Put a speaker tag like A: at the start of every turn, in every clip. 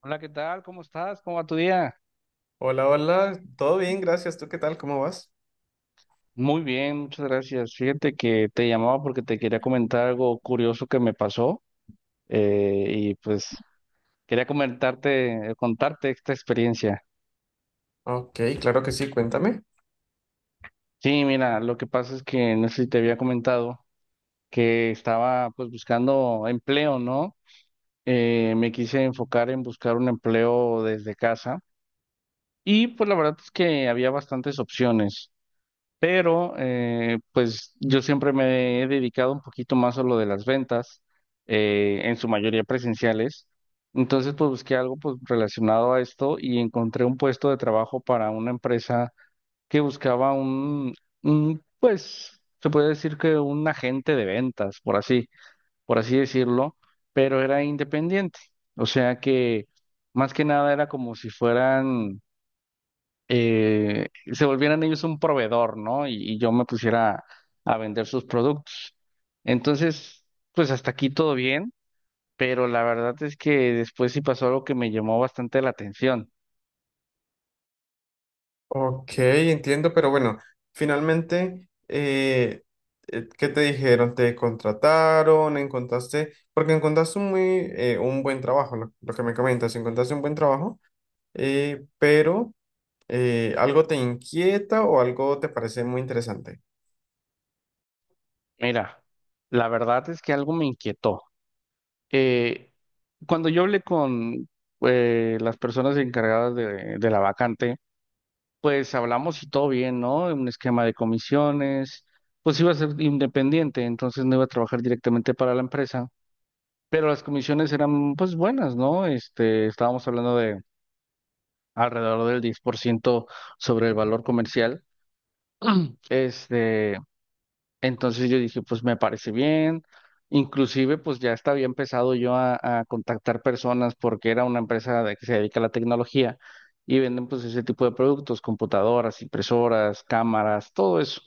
A: Hola, ¿qué tal? ¿Cómo estás? ¿Cómo va tu día?
B: Hola, hola, todo bien, gracias. ¿Tú qué tal? ¿Cómo vas?
A: Muy bien, muchas gracias. Fíjate que te llamaba porque te quería comentar algo curioso que me pasó y pues quería comentarte, contarte esta experiencia.
B: Ok, claro que sí, cuéntame.
A: Sí, mira, lo que pasa es que no sé si te había comentado que estaba pues buscando empleo, ¿no? Me quise enfocar en buscar un empleo desde casa y pues la verdad es que había bastantes opciones. Pero pues yo siempre me he dedicado un poquito más a lo de las ventas, en su mayoría presenciales. Entonces, pues busqué algo pues, relacionado a esto y encontré un puesto de trabajo para una empresa que buscaba un pues, se puede decir que un agente de ventas, por así decirlo, pero era independiente. O sea que más que nada era como si fueran se volvieran ellos un proveedor, ¿no? Y yo me pusiera a vender sus productos. Entonces, pues hasta aquí todo bien, pero la verdad es que después sí pasó algo que me llamó bastante la atención.
B: Ok, entiendo, pero bueno, finalmente, ¿qué te dijeron? ¿Te contrataron? ¿Encontraste? Porque encontraste un muy, un buen trabajo, lo que me comentas, encontraste un buen trabajo, pero ¿algo te inquieta o algo te parece muy interesante?
A: Mira, la verdad es que algo me inquietó. Eh, Cuando yo hablé con las personas encargadas de la vacante, pues hablamos y todo bien, ¿no? Un esquema de comisiones, pues iba a ser independiente, entonces no iba a trabajar directamente para la empresa. Pero las comisiones eran pues buenas, ¿no? Este, estábamos hablando de alrededor del 10% sobre el valor comercial. Este, entonces yo dije, pues me parece bien. Inclusive, pues ya estaba empezado yo a contactar personas porque era una que se dedica a la tecnología y venden pues ese tipo de productos, computadoras, impresoras, cámaras, todo eso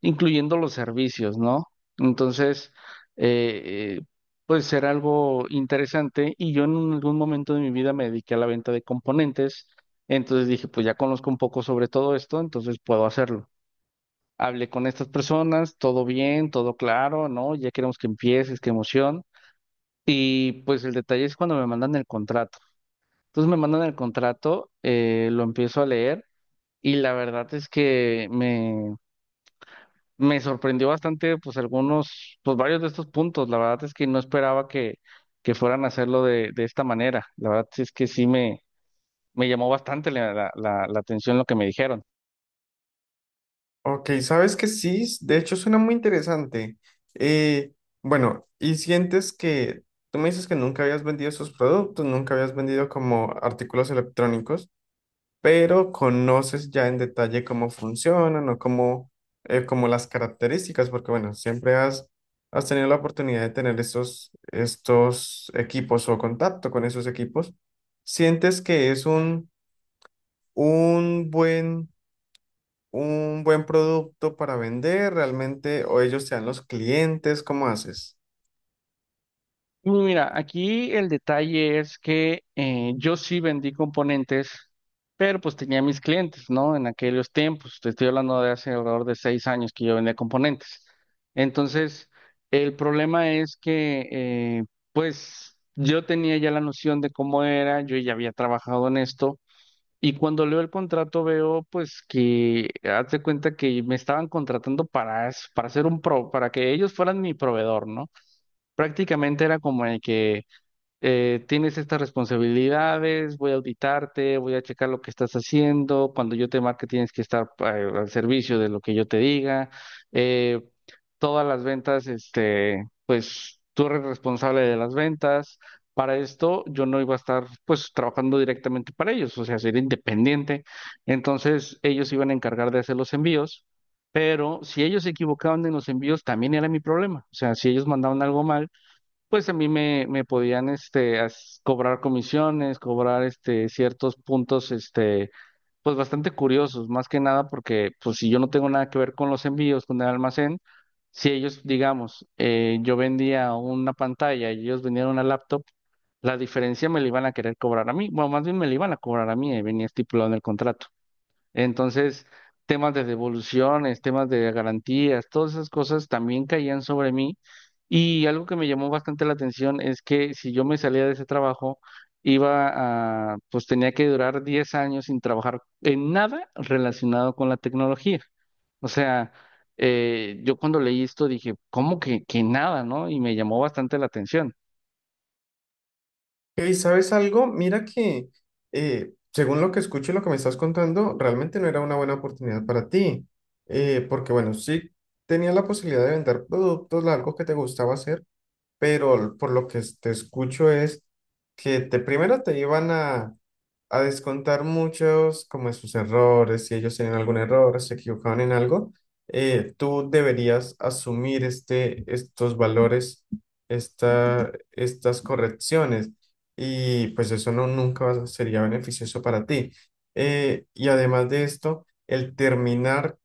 A: incluyendo los servicios, ¿no? Entonces, eh, eh, pues será algo interesante y yo en algún momento de mi vida me dediqué a la venta de componentes, entonces dije, pues ya conozco un poco sobre todo esto, entonces puedo hacerlo. Hablé con estas personas, todo bien, todo claro, ¿no? Ya queremos que empieces, qué emoción. Y pues el detalle es cuando me mandan el contrato. Entonces me mandan el contrato, lo empiezo a leer y la verdad es que me sorprendió bastante, pues pues varios de estos puntos. La verdad es que no esperaba que fueran a hacerlo de esta manera. La verdad es que sí me llamó bastante la atención lo que me dijeron.
B: Ok, sabes que sí, de hecho suena muy interesante. Eh, bueno, y sientes que tú me dices que nunca habías vendido esos productos, nunca habías vendido como artículos electrónicos, pero conoces ya en detalle cómo funcionan o como las características, porque bueno, has tenido la oportunidad de tener estos equipos o contacto con esos equipos. ¿Sientes que es un buen un buen producto para vender realmente o ellos te dan los clientes? ¿Cómo haces?
A: Uy, mira, aquí el detalle es que yo sí vendí componentes, pero pues tenía mis clientes, ¿no? En aquellos tiempos, te estoy hablando de hace alrededor de 6 años que yo vendía componentes. Entonces, el problema es que, pues, yo tenía ya la noción de cómo era, yo ya había trabajado en esto, y cuando leo el contrato veo, pues, que haz de cuenta que me estaban contratando para ser para que ellos fueran mi proveedor, ¿no? Prácticamente era como el que tienes estas responsabilidades, voy a auditarte, voy a checar lo que estás haciendo, cuando yo te marque tienes que estar al servicio de lo que yo te diga, eh, todas las ventas, este, pues tú eres responsable de las ventas. Para esto yo no iba a estar pues trabajando directamente para ellos, o sea, sería independiente. Entonces ellos se iban a encargar de hacer los envíos, pero si ellos se equivocaban en los envíos también era mi problema. O sea, si ellos mandaban algo mal, pues a mí me, me podían este, as- cobrar comisiones, cobrar este, ciertos puntos, este, pues bastante curiosos, más que nada porque pues si yo no tengo nada que ver con los envíos, con el almacén, si ellos, digamos, yo vendía una pantalla y ellos vendían una laptop, la diferencia me la iban a querer cobrar a mí, bueno, más bien me la iban a cobrar a mí, y venía estipulado en el contrato. Entonces, temas de devoluciones, temas de garantías, todas esas cosas también caían sobre mí. Y algo que me llamó bastante la atención es que si yo me salía de ese trabajo, pues tenía que durar 10 años sin trabajar en nada relacionado con la tecnología. O sea, yo cuando leí esto dije, ¿cómo que nada, no? Y me llamó bastante la atención.
B: ¿Y sabes algo? Mira que según lo que escucho y lo que me estás contando, realmente no era una buena oportunidad para ti. Porque bueno, sí tenías la posibilidad de vender productos, algo que te gustaba hacer, pero por lo que te escucho es que te, primero te iban a descontar muchos como de sus errores, si ellos tienen algún error, se equivocaron en algo, tú deberías asumir estos valores, estas correcciones y pues eso no, nunca sería beneficioso para ti. Y además de esto, el terminar,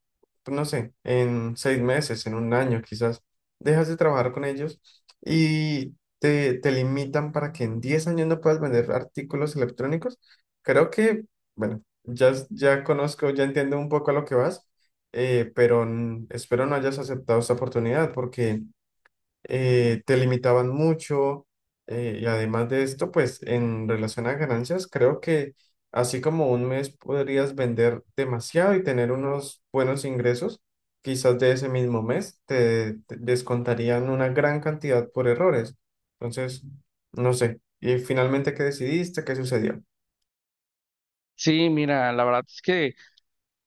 B: pues, no sé, en 6 meses, en 1 año quizás, dejas de trabajar con ellos y... te limitan para que en 10 años no puedas vender artículos electrónicos. Creo que, bueno, ya conozco, ya entiendo un poco a lo que vas, pero espero no hayas aceptado esta oportunidad porque te limitaban mucho. Y además de esto, pues en relación a ganancias, creo que así como un mes podrías vender demasiado y tener unos buenos ingresos, quizás de ese mismo mes te descontarían una gran cantidad por errores. Entonces, no sé. Y finalmente, ¿qué decidiste? ¿Qué sucedió?
A: Sí, mira, la verdad es que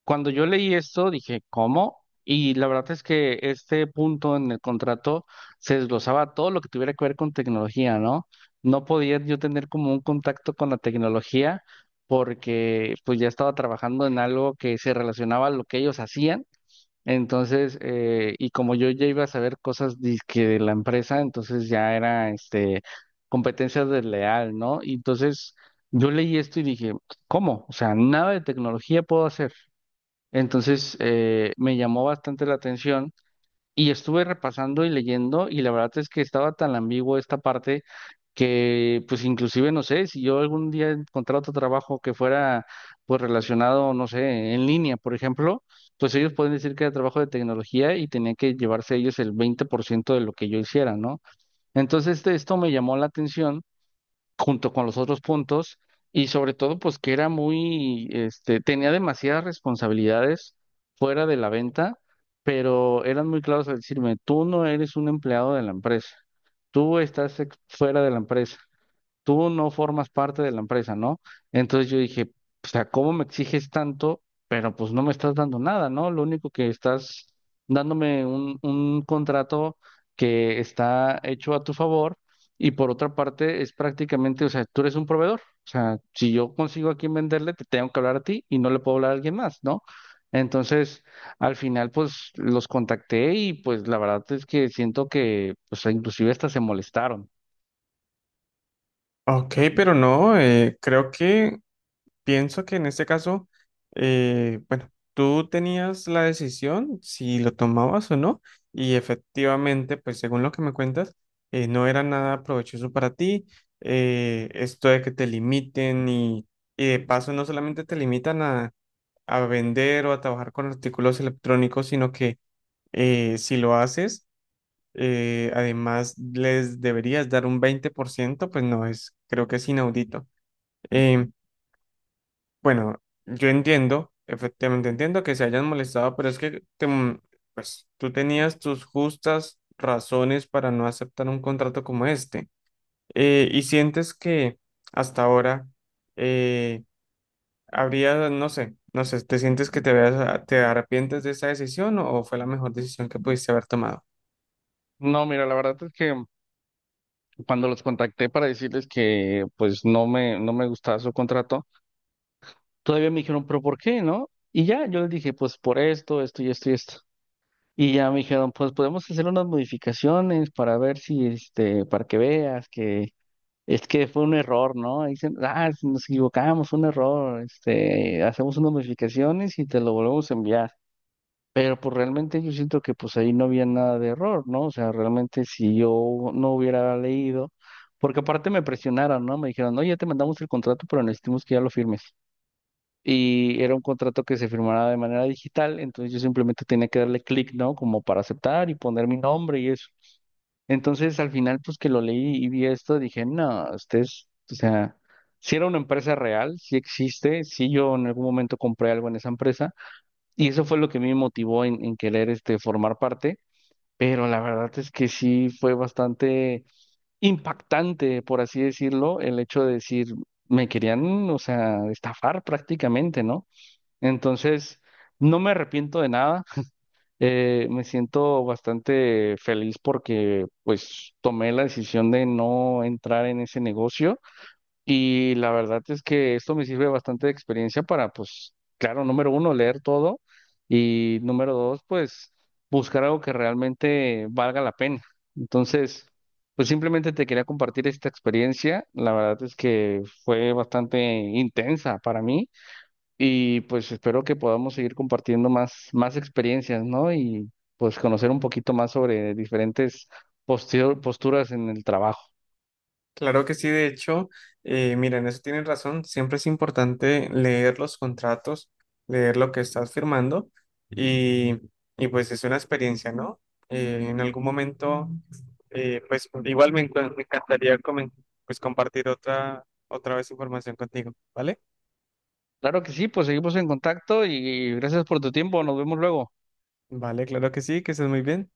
A: cuando yo leí esto, dije, ¿cómo? Y la verdad es que este punto en el contrato se desglosaba todo lo que tuviera que ver con tecnología, ¿no? No podía yo tener como un contacto con la tecnología porque pues ya estaba trabajando en algo que se relacionaba a lo que ellos hacían. Entonces, y como yo ya iba a saber cosas que de la empresa, entonces ya era este competencia desleal, ¿no? Y entonces yo leí esto y dije, ¿cómo? O sea, nada de tecnología puedo hacer. Entonces, me llamó bastante la atención y estuve repasando y leyendo y la verdad es que estaba tan ambiguo esta parte que pues inclusive no sé, si yo algún día encontrara otro trabajo que fuera pues relacionado, no sé, en línea, por ejemplo, pues ellos pueden decir que era trabajo de tecnología y tenía que llevarse ellos el 20% de lo que yo hiciera, ¿no? Esto me llamó la atención junto con los otros puntos y sobre todo pues que era muy, este, tenía demasiadas responsabilidades fuera de la venta, pero eran muy claros al decirme, tú no eres un empleado de la empresa, fuera de la empresa, tú no formas parte de la empresa, ¿no? Entonces yo dije, o sea, ¿cómo me exiges tanto? Pero pues no me estás dando nada, ¿no? Lo único que estás dándome un contrato que está hecho a tu favor y por otra parte es prácticamente, o sea, tú eres un proveedor. O sea, si yo consigo a quién venderle, te tengo que hablar a ti y no le puedo hablar a alguien más, ¿no? Entonces, al final, pues los contacté y pues la verdad es que siento que, pues inclusive hasta se molestaron.
B: Ok, pero no, creo que pienso que en este caso, bueno, tú tenías la decisión si lo tomabas o no, y efectivamente, pues según lo que me cuentas, no era nada provechoso para ti, esto de que te limiten y de paso no solamente te limitan a vender o a trabajar con artículos electrónicos, sino que si lo haces, además les deberías dar un 20%, pues no es, creo que es inaudito. Eh, bueno, yo entiendo, efectivamente entiendo que se hayan molestado, pero es que pues, tú tenías tus justas razones para no aceptar un contrato como este. Y sientes que hasta ahora eh, habría, no sé, ¿te sientes que te, te arrepientes de esa decisión o fue la mejor decisión que pudiste haber tomado?
A: No, mira, la verdad es que cuando los contacté para decirles que pues no me, no me gustaba su contrato, todavía me dijeron, pero ¿por qué, no? Y ya, yo les dije, pues por esto, esto y esto y esto. Y ya me dijeron, pues podemos hacer unas modificaciones para ver si, este, para que veas que es que fue un error, ¿no? Y dicen, ah, nos equivocamos, fue un error, este, hacemos unas modificaciones y te lo volvemos a enviar. Pero pues realmente yo siento que pues ahí no había nada de error, ¿no? O sea, realmente si yo no hubiera leído, porque aparte me presionaron, ¿no? Me dijeron, no, ya te mandamos el contrato, pero necesitamos que ya lo firmes. Y era un contrato que se firmara de manera digital, entonces yo simplemente tenía que darle clic, ¿no? Como para aceptar y poner mi nombre y eso. Entonces al final pues que lo leí y vi esto, dije, no, ustedes, o sea, si era una empresa real, si existe, si yo en algún momento compré algo en esa empresa. Y eso fue lo que me motivó en querer este, formar parte, pero la verdad es que sí fue bastante impactante, por así decirlo, el hecho de decir, me querían, o sea, estafar prácticamente, ¿no? Entonces, no me arrepiento de nada, me siento bastante feliz porque pues tomé la decisión de no entrar en ese negocio y la verdad es que esto me sirve bastante de experiencia para, pues, claro, número uno, leer todo y número dos, pues, buscar algo que realmente valga la pena. Entonces, pues simplemente te quería compartir esta experiencia. La verdad es que fue bastante intensa para mí y pues espero que podamos seguir compartiendo más, más experiencias, ¿no? Y pues conocer un poquito más sobre diferentes posturas en el trabajo.
B: Claro que sí, de hecho, mira, en eso tienen razón. Siempre es importante leer los contratos, leer lo que estás firmando y, y pues es una experiencia, ¿no? En algún momento, pues igual me encantaría pues compartir otra, otra vez información contigo, ¿vale?
A: Claro que sí, pues seguimos en contacto y gracias por tu tiempo. Nos vemos luego.
B: Vale, claro que sí, que estés muy bien.